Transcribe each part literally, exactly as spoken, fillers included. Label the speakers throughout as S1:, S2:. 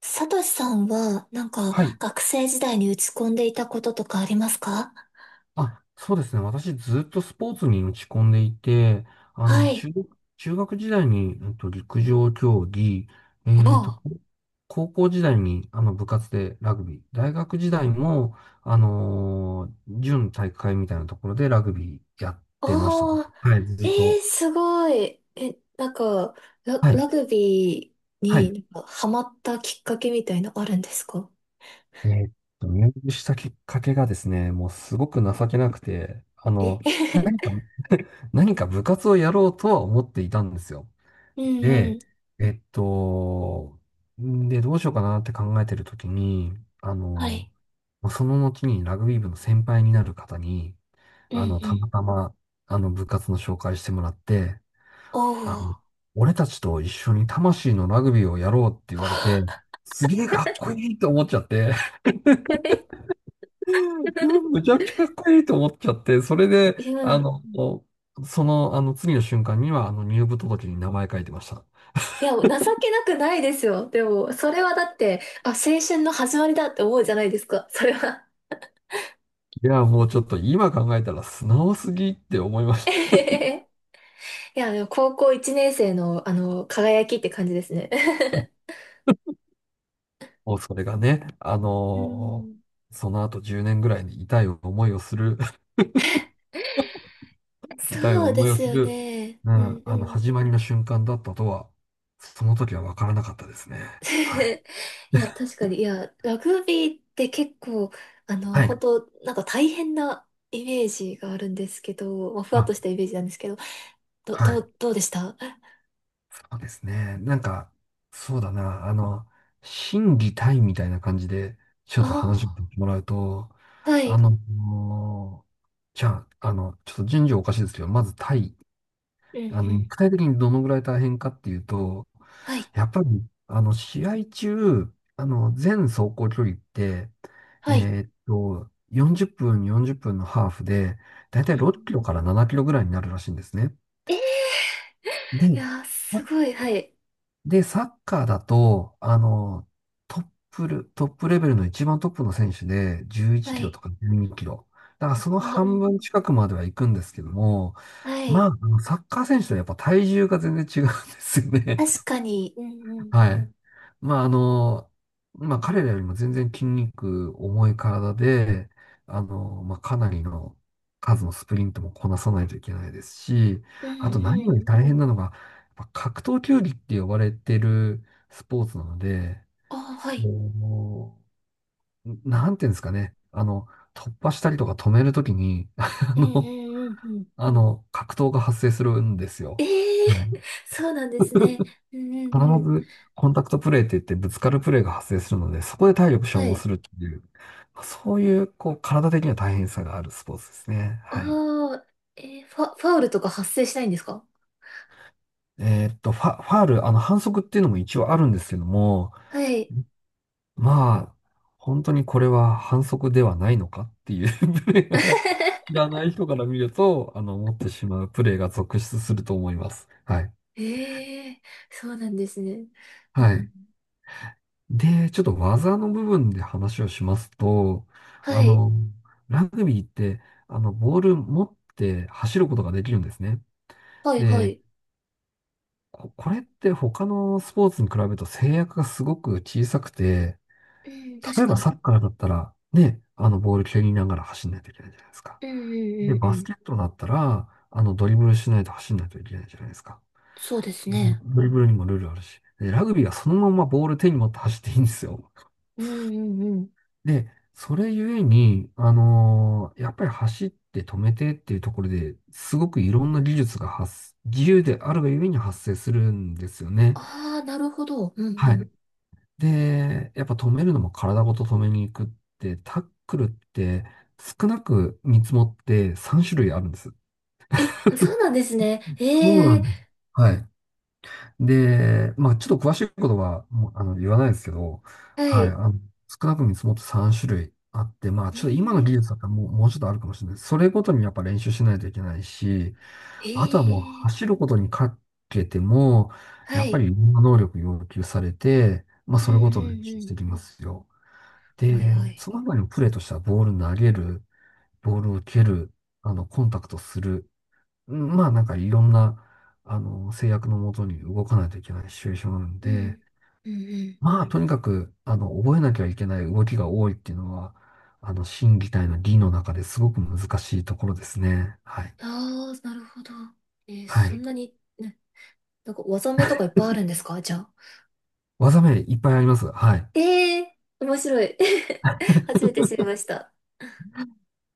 S1: サトシさんは、なんか、
S2: はい。
S1: 学生時代に打ち込んでいたこととかありますか？
S2: あ、そうですね。私ずっとスポーツに打ち込んでいて、あ
S1: は
S2: の、中、
S1: い。
S2: 中学時代に、えっと、陸上競技、えっと、
S1: ああ。
S2: 高校時代に、あの、部活でラグビー、大学時代も、あのー準体育会みたいなところでラグビーやっ
S1: あ
S2: てましたね。
S1: あ、
S2: はい、ず
S1: え
S2: っと。
S1: ー、すごい。え、なんか、ラ、
S2: はい、
S1: ラグビー
S2: はい。
S1: になんかハマったきっかけみたいのあるんですか？
S2: えーっと、入部したきっかけがですね、もうすごく情けなくて、あ
S1: え。
S2: の、何か、何か部活をやろうとは思っていたんですよ。
S1: うんうん。
S2: で、えっと、んで、どうしようかなって考えてるときに、あ
S1: は
S2: の、
S1: い。
S2: もうその後にラグビー部の先輩になる方に、
S1: うんう
S2: あの、た
S1: ん。
S2: またま、あの、部活の紹介してもらって、
S1: お
S2: あ
S1: ー。
S2: の、俺たちと一緒に魂のラグビーをやろうって言われて、すげえかっこいいと思っちゃって、むちゃくちゃかっこいいと思っちゃって、それで、
S1: い
S2: あ
S1: や、
S2: の、その、あの、次の瞬間には、あの、入部届に名前書いてました。
S1: いや、情けなくないですよ。でも、それはだって、あ、青春の始まりだって思うじゃないですか。それは。
S2: いや、もうちょっと今考えたら素直すぎって思いました。
S1: いや、でも高校いちねん生の、あの、輝きって感じですね。
S2: もうそれがね、あ
S1: う
S2: の
S1: ん。
S2: ーその後じゅうねんぐらいに痛い思いをする、痛い
S1: そうで
S2: 思いを
S1: す
S2: す
S1: よ
S2: る、
S1: ね。
S2: う
S1: う
S2: ん、
S1: んう
S2: あの、
S1: ん。
S2: 始まりの瞬間だったとは、その時は分からなかったですね。はい。
S1: いや、確かに、いや、ラグビーって結構、あの、
S2: は
S1: 本
S2: い。
S1: 当なんか大変なイメージがあるんですけど、まあ、ふわっ
S2: あ、
S1: としたイメージなんですけど、ど、
S2: は
S1: ど
S2: い。
S1: う、どうでしたあ？
S2: そうですね。なんか、そうだな、あの、心技体みたいな感じで、ちょっと話して
S1: あ
S2: もらうと、
S1: ー、は
S2: あ
S1: い。
S2: の、じゃあ、あの、ちょっと順序おかしいですけど、まず体
S1: うん
S2: あ
S1: う
S2: の、具
S1: ん。
S2: 体的にどのぐらい大変かっていうと、
S1: はい。
S2: やっぱり、あの、試合中、あの、全走行距離って、
S1: はい。
S2: えーっと、よんじゅっぷん、よんじゅっぷんのハーフで、だいた
S1: う
S2: い
S1: ん。
S2: ろっキロからななキロぐらいになるらしいんですね。
S1: ええ。い
S2: で、
S1: やー、すごい。はい。
S2: で、サッカーだと、あの、トップル、トップレベルの一番トップの選手で11キ
S1: は
S2: ロ
S1: い。
S2: とかじゅうにキロ。だからその
S1: あ、うんう
S2: 半分
S1: ん。
S2: 近くまでは行くんですけども、
S1: は
S2: まあ、
S1: い。
S2: あのサッカー選手とやっぱ体重が全然違うんですよね。
S1: 確かに。うんうん。
S2: はい。まあ、あの、まあ、彼らよりも全然筋肉重い体で、あの、まあ、かなりの数のスプリントもこなさないといけないですし、
S1: うん
S2: あと何よ
S1: う
S2: り
S1: ん。
S2: 大変なのが、やっぱ格闘球技って呼ばれてるスポーツなので、
S1: あ、はい。
S2: こう、なんていうんですかね、あの、突破したりとか止めるときに、あ
S1: うん
S2: の、
S1: うんうんうん。
S2: あの、格闘が発生するんです
S1: え
S2: よ。
S1: え
S2: は
S1: ー。
S2: い。
S1: そうなんですね。うんうん
S2: 必
S1: うん。
S2: ずコンタクトプレーって言ってぶつかるプレーが発生するので、そこで体力消
S1: は
S2: 耗
S1: い。
S2: するっていう、まあそういう、こう、体的な大変さがあるスポーツですね。
S1: あ
S2: はい。
S1: あ、えー、ファ、ファウルとか発生しないんですか？
S2: えーっと、ファ、ファール、あの、反則っていうのも一応あるんですけども、
S1: はい。
S2: まあ、本当にこれは反則ではないのかっていう プレーが知 らない人から見ると、あの、思ってしまうプレーが続出すると思います。はい。
S1: ええー、そうなんですね。う
S2: は
S1: ん。
S2: い。で、ちょっと技の部分で話をしますと、
S1: は
S2: あ
S1: い。
S2: の、ラグビーって、あの、ボール持って走ることができるんですね。
S1: はいは
S2: で、
S1: い。
S2: こ、これって他のスポーツに比べると制約がすごく小さくて、
S1: うん、確
S2: 例え
S1: か
S2: ば
S1: に。
S2: サッカーだったら、ね、あの、ボール蹴りながら走んないといけないじゃないですか。
S1: うんう
S2: で、
S1: んうんう
S2: バス
S1: ん。
S2: ケットだったら、あの、ドリブルしないと走んないといけないじゃないですか。
S1: そうですね。
S2: ドリブルにもルールあるし。で、ラグビーはそのままボール手に持って走っていいんですよ。
S1: うんうんうん。
S2: で、それゆえに、あのーやっぱり走って止めてっていうところですごくいろんな技術が発、自由であるがゆえに発生するんですよね。
S1: ああ、なるほど。うんう
S2: は
S1: ん。
S2: い。で、やっぱ止めるのも体ごと止めに行くって、タックルって少なく見積もってさん種類あるんです。
S1: え、そうなんですね。
S2: そう
S1: え
S2: な
S1: え。
S2: んです。はい。で、まあ、ちょっと詳しいことは、もう、あの、言わないですけど、
S1: は
S2: はい、あ
S1: い。
S2: の、少なく見積もってさん種類あって、まあ、
S1: う
S2: ちょっと今の技
S1: ん。
S2: 術だったらもう、もうちょっとあるかもしれない。それごとにやっぱ練習しないといけないし、
S1: え
S2: あとはもう
S1: え。
S2: 走ることにかけても、
S1: は
S2: やっぱりい
S1: い。
S2: ろんな能力要求されて、まあ、
S1: うん
S2: それごとに練
S1: う
S2: 習し
S1: ん
S2: てきますよ。
S1: うん。はいは
S2: で、
S1: い。
S2: その他にもプレーとしてはボール投げる、ボールを蹴る、あの、コンタクトする、うんまあなんかいろんな、あの、制約のもとに動かないといけないシチュエーションなん
S1: う
S2: で、
S1: ん。うんうん。
S2: まあとにかく、あの、覚えなきゃいけない動きが多いっていうのは、あの、心技体の技の中ですごく難しいところですね。はい。
S1: ああ、なるほど。えー、
S2: は
S1: そん
S2: い。
S1: なに、ね、なんか技名とかいっぱいあるんですかじゃあ？
S2: 技名いっぱいあります。はい。
S1: ええー、面白い。初めて知りました。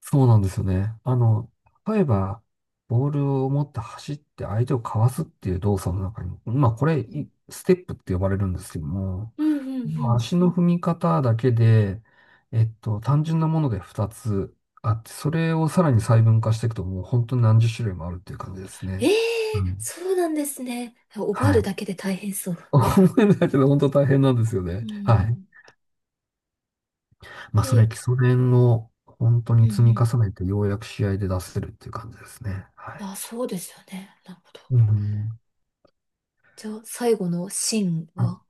S2: そうなんですよね。あの、例えば、ボールを持って走って相手をかわすっていう動作の中に、まあこれ、
S1: うん
S2: いステップって呼ばれるんですけども、
S1: うんうんう
S2: まあ
S1: ん。
S2: 足の踏み方だけで、えっと、単純なものでふたつあって、それをさらに細分化していくと、もう本当に何十種類もあるっていう感じです
S1: え
S2: ね。う
S1: えー、
S2: ん。
S1: そうなんですね。覚え
S2: は
S1: る
S2: い。
S1: だけで大変そう。
S2: 思えないけど、本当大変なんですよ
S1: う
S2: ね。はい。
S1: ん。
S2: まあそれ、
S1: で、
S2: 基礎練を本当
S1: うん
S2: に
S1: う
S2: 積み
S1: ん。
S2: 重ねて、ようやく試合で出せるっていう感じですね。はい。
S1: あ、そうですよね。なるほど。
S2: うん。
S1: じゃあ、最後のシーン
S2: あ、
S1: は？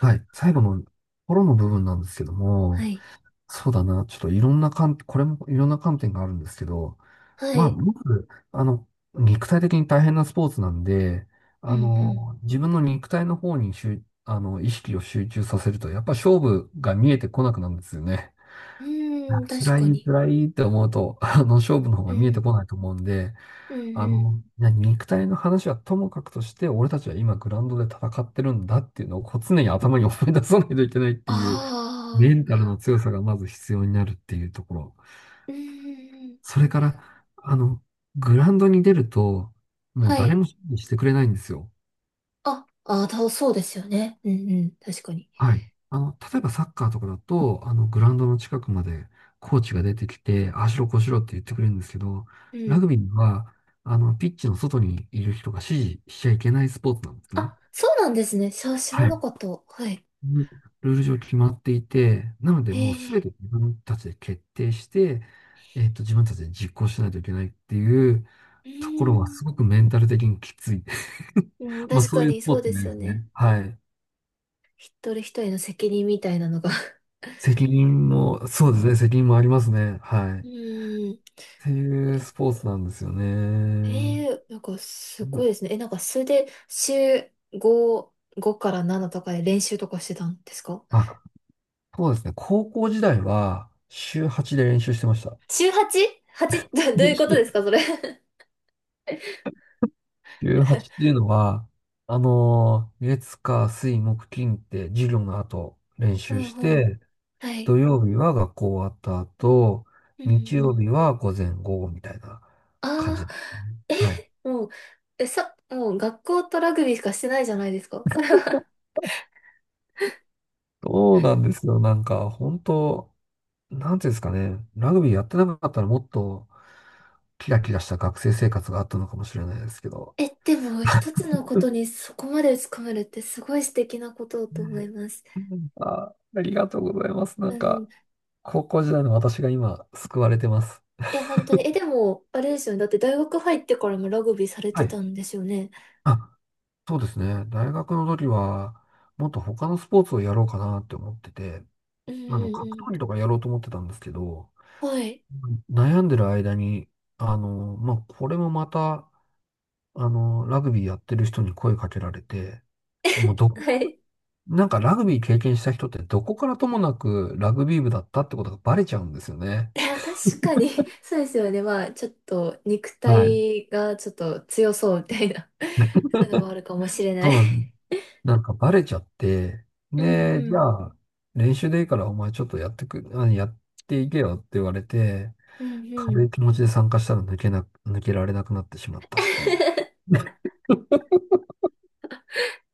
S2: はい。最後の頃の部分なんですけど
S1: は
S2: も、
S1: い。
S2: そうだな。ちょっといろんな観、これもいろんな観点があるんですけど、
S1: は
S2: まあ、
S1: い。
S2: まず、あの、肉体的に大変なスポーツなんで、
S1: う
S2: あ
S1: ん
S2: の、自分の肉体の方に集、あの、意識を集中させると、やっぱ勝負が見えてこなくなるんですよね。
S1: うん。
S2: あ、
S1: うーん、確
S2: 辛
S1: か
S2: い、
S1: に。
S2: 辛いって思うと、あの、勝負の方
S1: う
S2: が見えて
S1: ん、
S2: こないと思うんで、
S1: うん、
S2: あ
S1: う
S2: の、
S1: ん。
S2: いや肉体の話はともかくとして、俺たちは今グラウンドで戦ってるんだっていうのをこう常に頭に思い出さないといけないっていう、
S1: あ
S2: メン
S1: あ、
S2: タルの強さがまず必要になるっていうところ。
S1: うん、
S2: それから、あの、グラウンドに出ると、もう
S1: は
S2: 誰も
S1: い。
S2: 指示してくれないんですよ。
S1: あ、あ、だ、そうですよね。うんうん、確かに。
S2: はい。あの、例えばサッカーとかだと、あの、グラウンドの近くまでコーチが出てきて、ああしろこうしろって言ってくれるんですけど、
S1: う
S2: ラ
S1: ん。
S2: グビーは、あの、ピッチの外にいる人が指示しちゃいけないスポーツなんですね。
S1: あ、そうなんですね。しゃ、知ら
S2: は
S1: な
S2: い。
S1: かった。はい。
S2: うんルール上決まっていて、なので
S1: へ
S2: もうすべ
S1: え、
S2: て自分たちで決定して、えっと、自分たちで実行しないといけないっていう
S1: う
S2: ところはす
S1: ん、
S2: ごくメンタル的にきつい。
S1: うん、
S2: まあ
S1: 確
S2: そ
S1: か
S2: ういうス
S1: に
S2: ポ
S1: そう
S2: ーツ
S1: で
S2: になり
S1: すよ
S2: ます
S1: ね。
S2: ね。はい。
S1: 一人一人の責任みたいなのが。
S2: 責任も、そうですね、責任もありますね。はい。っ
S1: うん。
S2: ていう
S1: え、
S2: スポーツなんですよね。
S1: えーなんかすごいですね。え、なんかそれで週ご、ごからななとかで練習とかしてたんですか？
S2: あ、そうですね。高校時代は週はちで練習してました。
S1: 週 はち?はち? どどういうことです か、それ。
S2: じゅうはちっていうのは、あのー月、火、水、木、金って授業の後練
S1: う
S2: 習
S1: ん
S2: し
S1: うん。
S2: て、
S1: はい。
S2: 土曜日は学校終わった後、
S1: う
S2: 日
S1: んう
S2: 曜
S1: ん。
S2: 日は午前午後みたいな感
S1: あ
S2: じ
S1: あ
S2: ですね。
S1: ー、
S2: はい。
S1: え、もう、え、さ、もう学校とラグビーしかしてないじゃないですか。それは。
S2: そうなんですよ。なんか、本当、なんていうんですかね。ラグビーやってなかったらもっとキラキラした学生生活があったのかもしれないですけど。
S1: え、でも、一つのことにそこまで打ち込めるってすごい素敵なことだと思います。
S2: うん、あ、ありがとうございます。な
S1: う
S2: ん
S1: ん。
S2: か、高校時代の私が今、救われてます。
S1: え、本当に。え、でも、あれですよね。だって大学入ってからもラグビーされ
S2: は
S1: て
S2: い。
S1: たんですよね。
S2: あ、そうですね。大学の時は、もっと他のスポーツをやろうかなって思ってて、
S1: うん
S2: あの、
S1: う
S2: 格闘技
S1: ん
S2: とかやろうと思ってたんですけど、
S1: うん。はい。
S2: 悩んでる間に、あの、まあ、これもまた、あの、ラグビーやってる人に声かけられて、もう どこ、
S1: はい。
S2: なんかラグビー経験した人ってどこからともなくラグビー部だったってことがバレちゃうんですよね。
S1: いや、確かに、そうですよね。まあ、ちょっと、肉
S2: はい。
S1: 体がちょっと強そうみたいな、そういうのもあるかもしれない。
S2: そうなん なんかバレちゃって、
S1: うん
S2: で、
S1: う
S2: じゃ
S1: ん。
S2: あ、練習でいいからお前ちょっとやってく、あやっていけよって言われて、
S1: うんう
S2: 軽
S1: ん。
S2: い気持ちで参加したら抜けな、抜けられなくなってしまったっていう。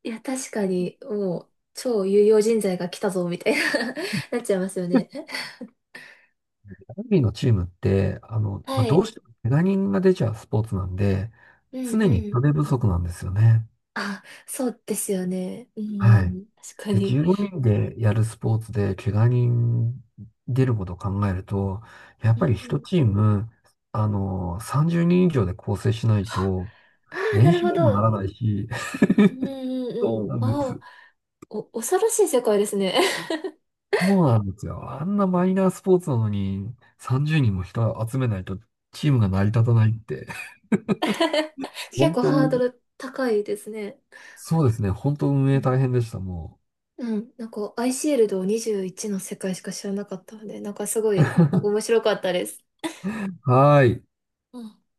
S1: いや、確かに、もう、超有用人材が来たぞ、みたいな。 なっちゃいますよね。
S2: ラグビーのチームって、あの、まあ、
S1: は
S2: ど
S1: い。
S2: うしても怪我人が出ちゃうスポーツなんで、
S1: うんう
S2: 常に
S1: ん。
S2: 人手不足なんですよね。
S1: あ、そうですよね。うん
S2: は
S1: う
S2: い。
S1: ん。確か
S2: で、
S1: に。
S2: じゅうごにんでやるスポーツで怪我人出ることを考えると、やっ
S1: うん
S2: ぱり
S1: う
S2: 一
S1: ん。
S2: チーム、あの、さんじゅうにん以上で構成しないと、
S1: ああ、な
S2: 練
S1: る
S2: 習
S1: ほ
S2: にもな
S1: ど。
S2: らないし、
S1: うんうんう
S2: そ
S1: ん。
S2: うなんで
S1: ああ、
S2: す。
S1: お、恐ろしい世界ですね。
S2: そうなんですよ。あんなマイナースポーツなのにさんじゅうにんも人集めないとチームが成り立たないって。
S1: 結
S2: 本
S1: 構ハー
S2: 当、
S1: ドル高いですね。
S2: そうですね。本当運
S1: う
S2: 営
S1: ん
S2: 大変でした、も
S1: うん、なんか、アイシールドにじゅういちの世界しか知らなかったので、なんかすごい、なんか
S2: う。
S1: 面白かったです。
S2: はーい。
S1: うん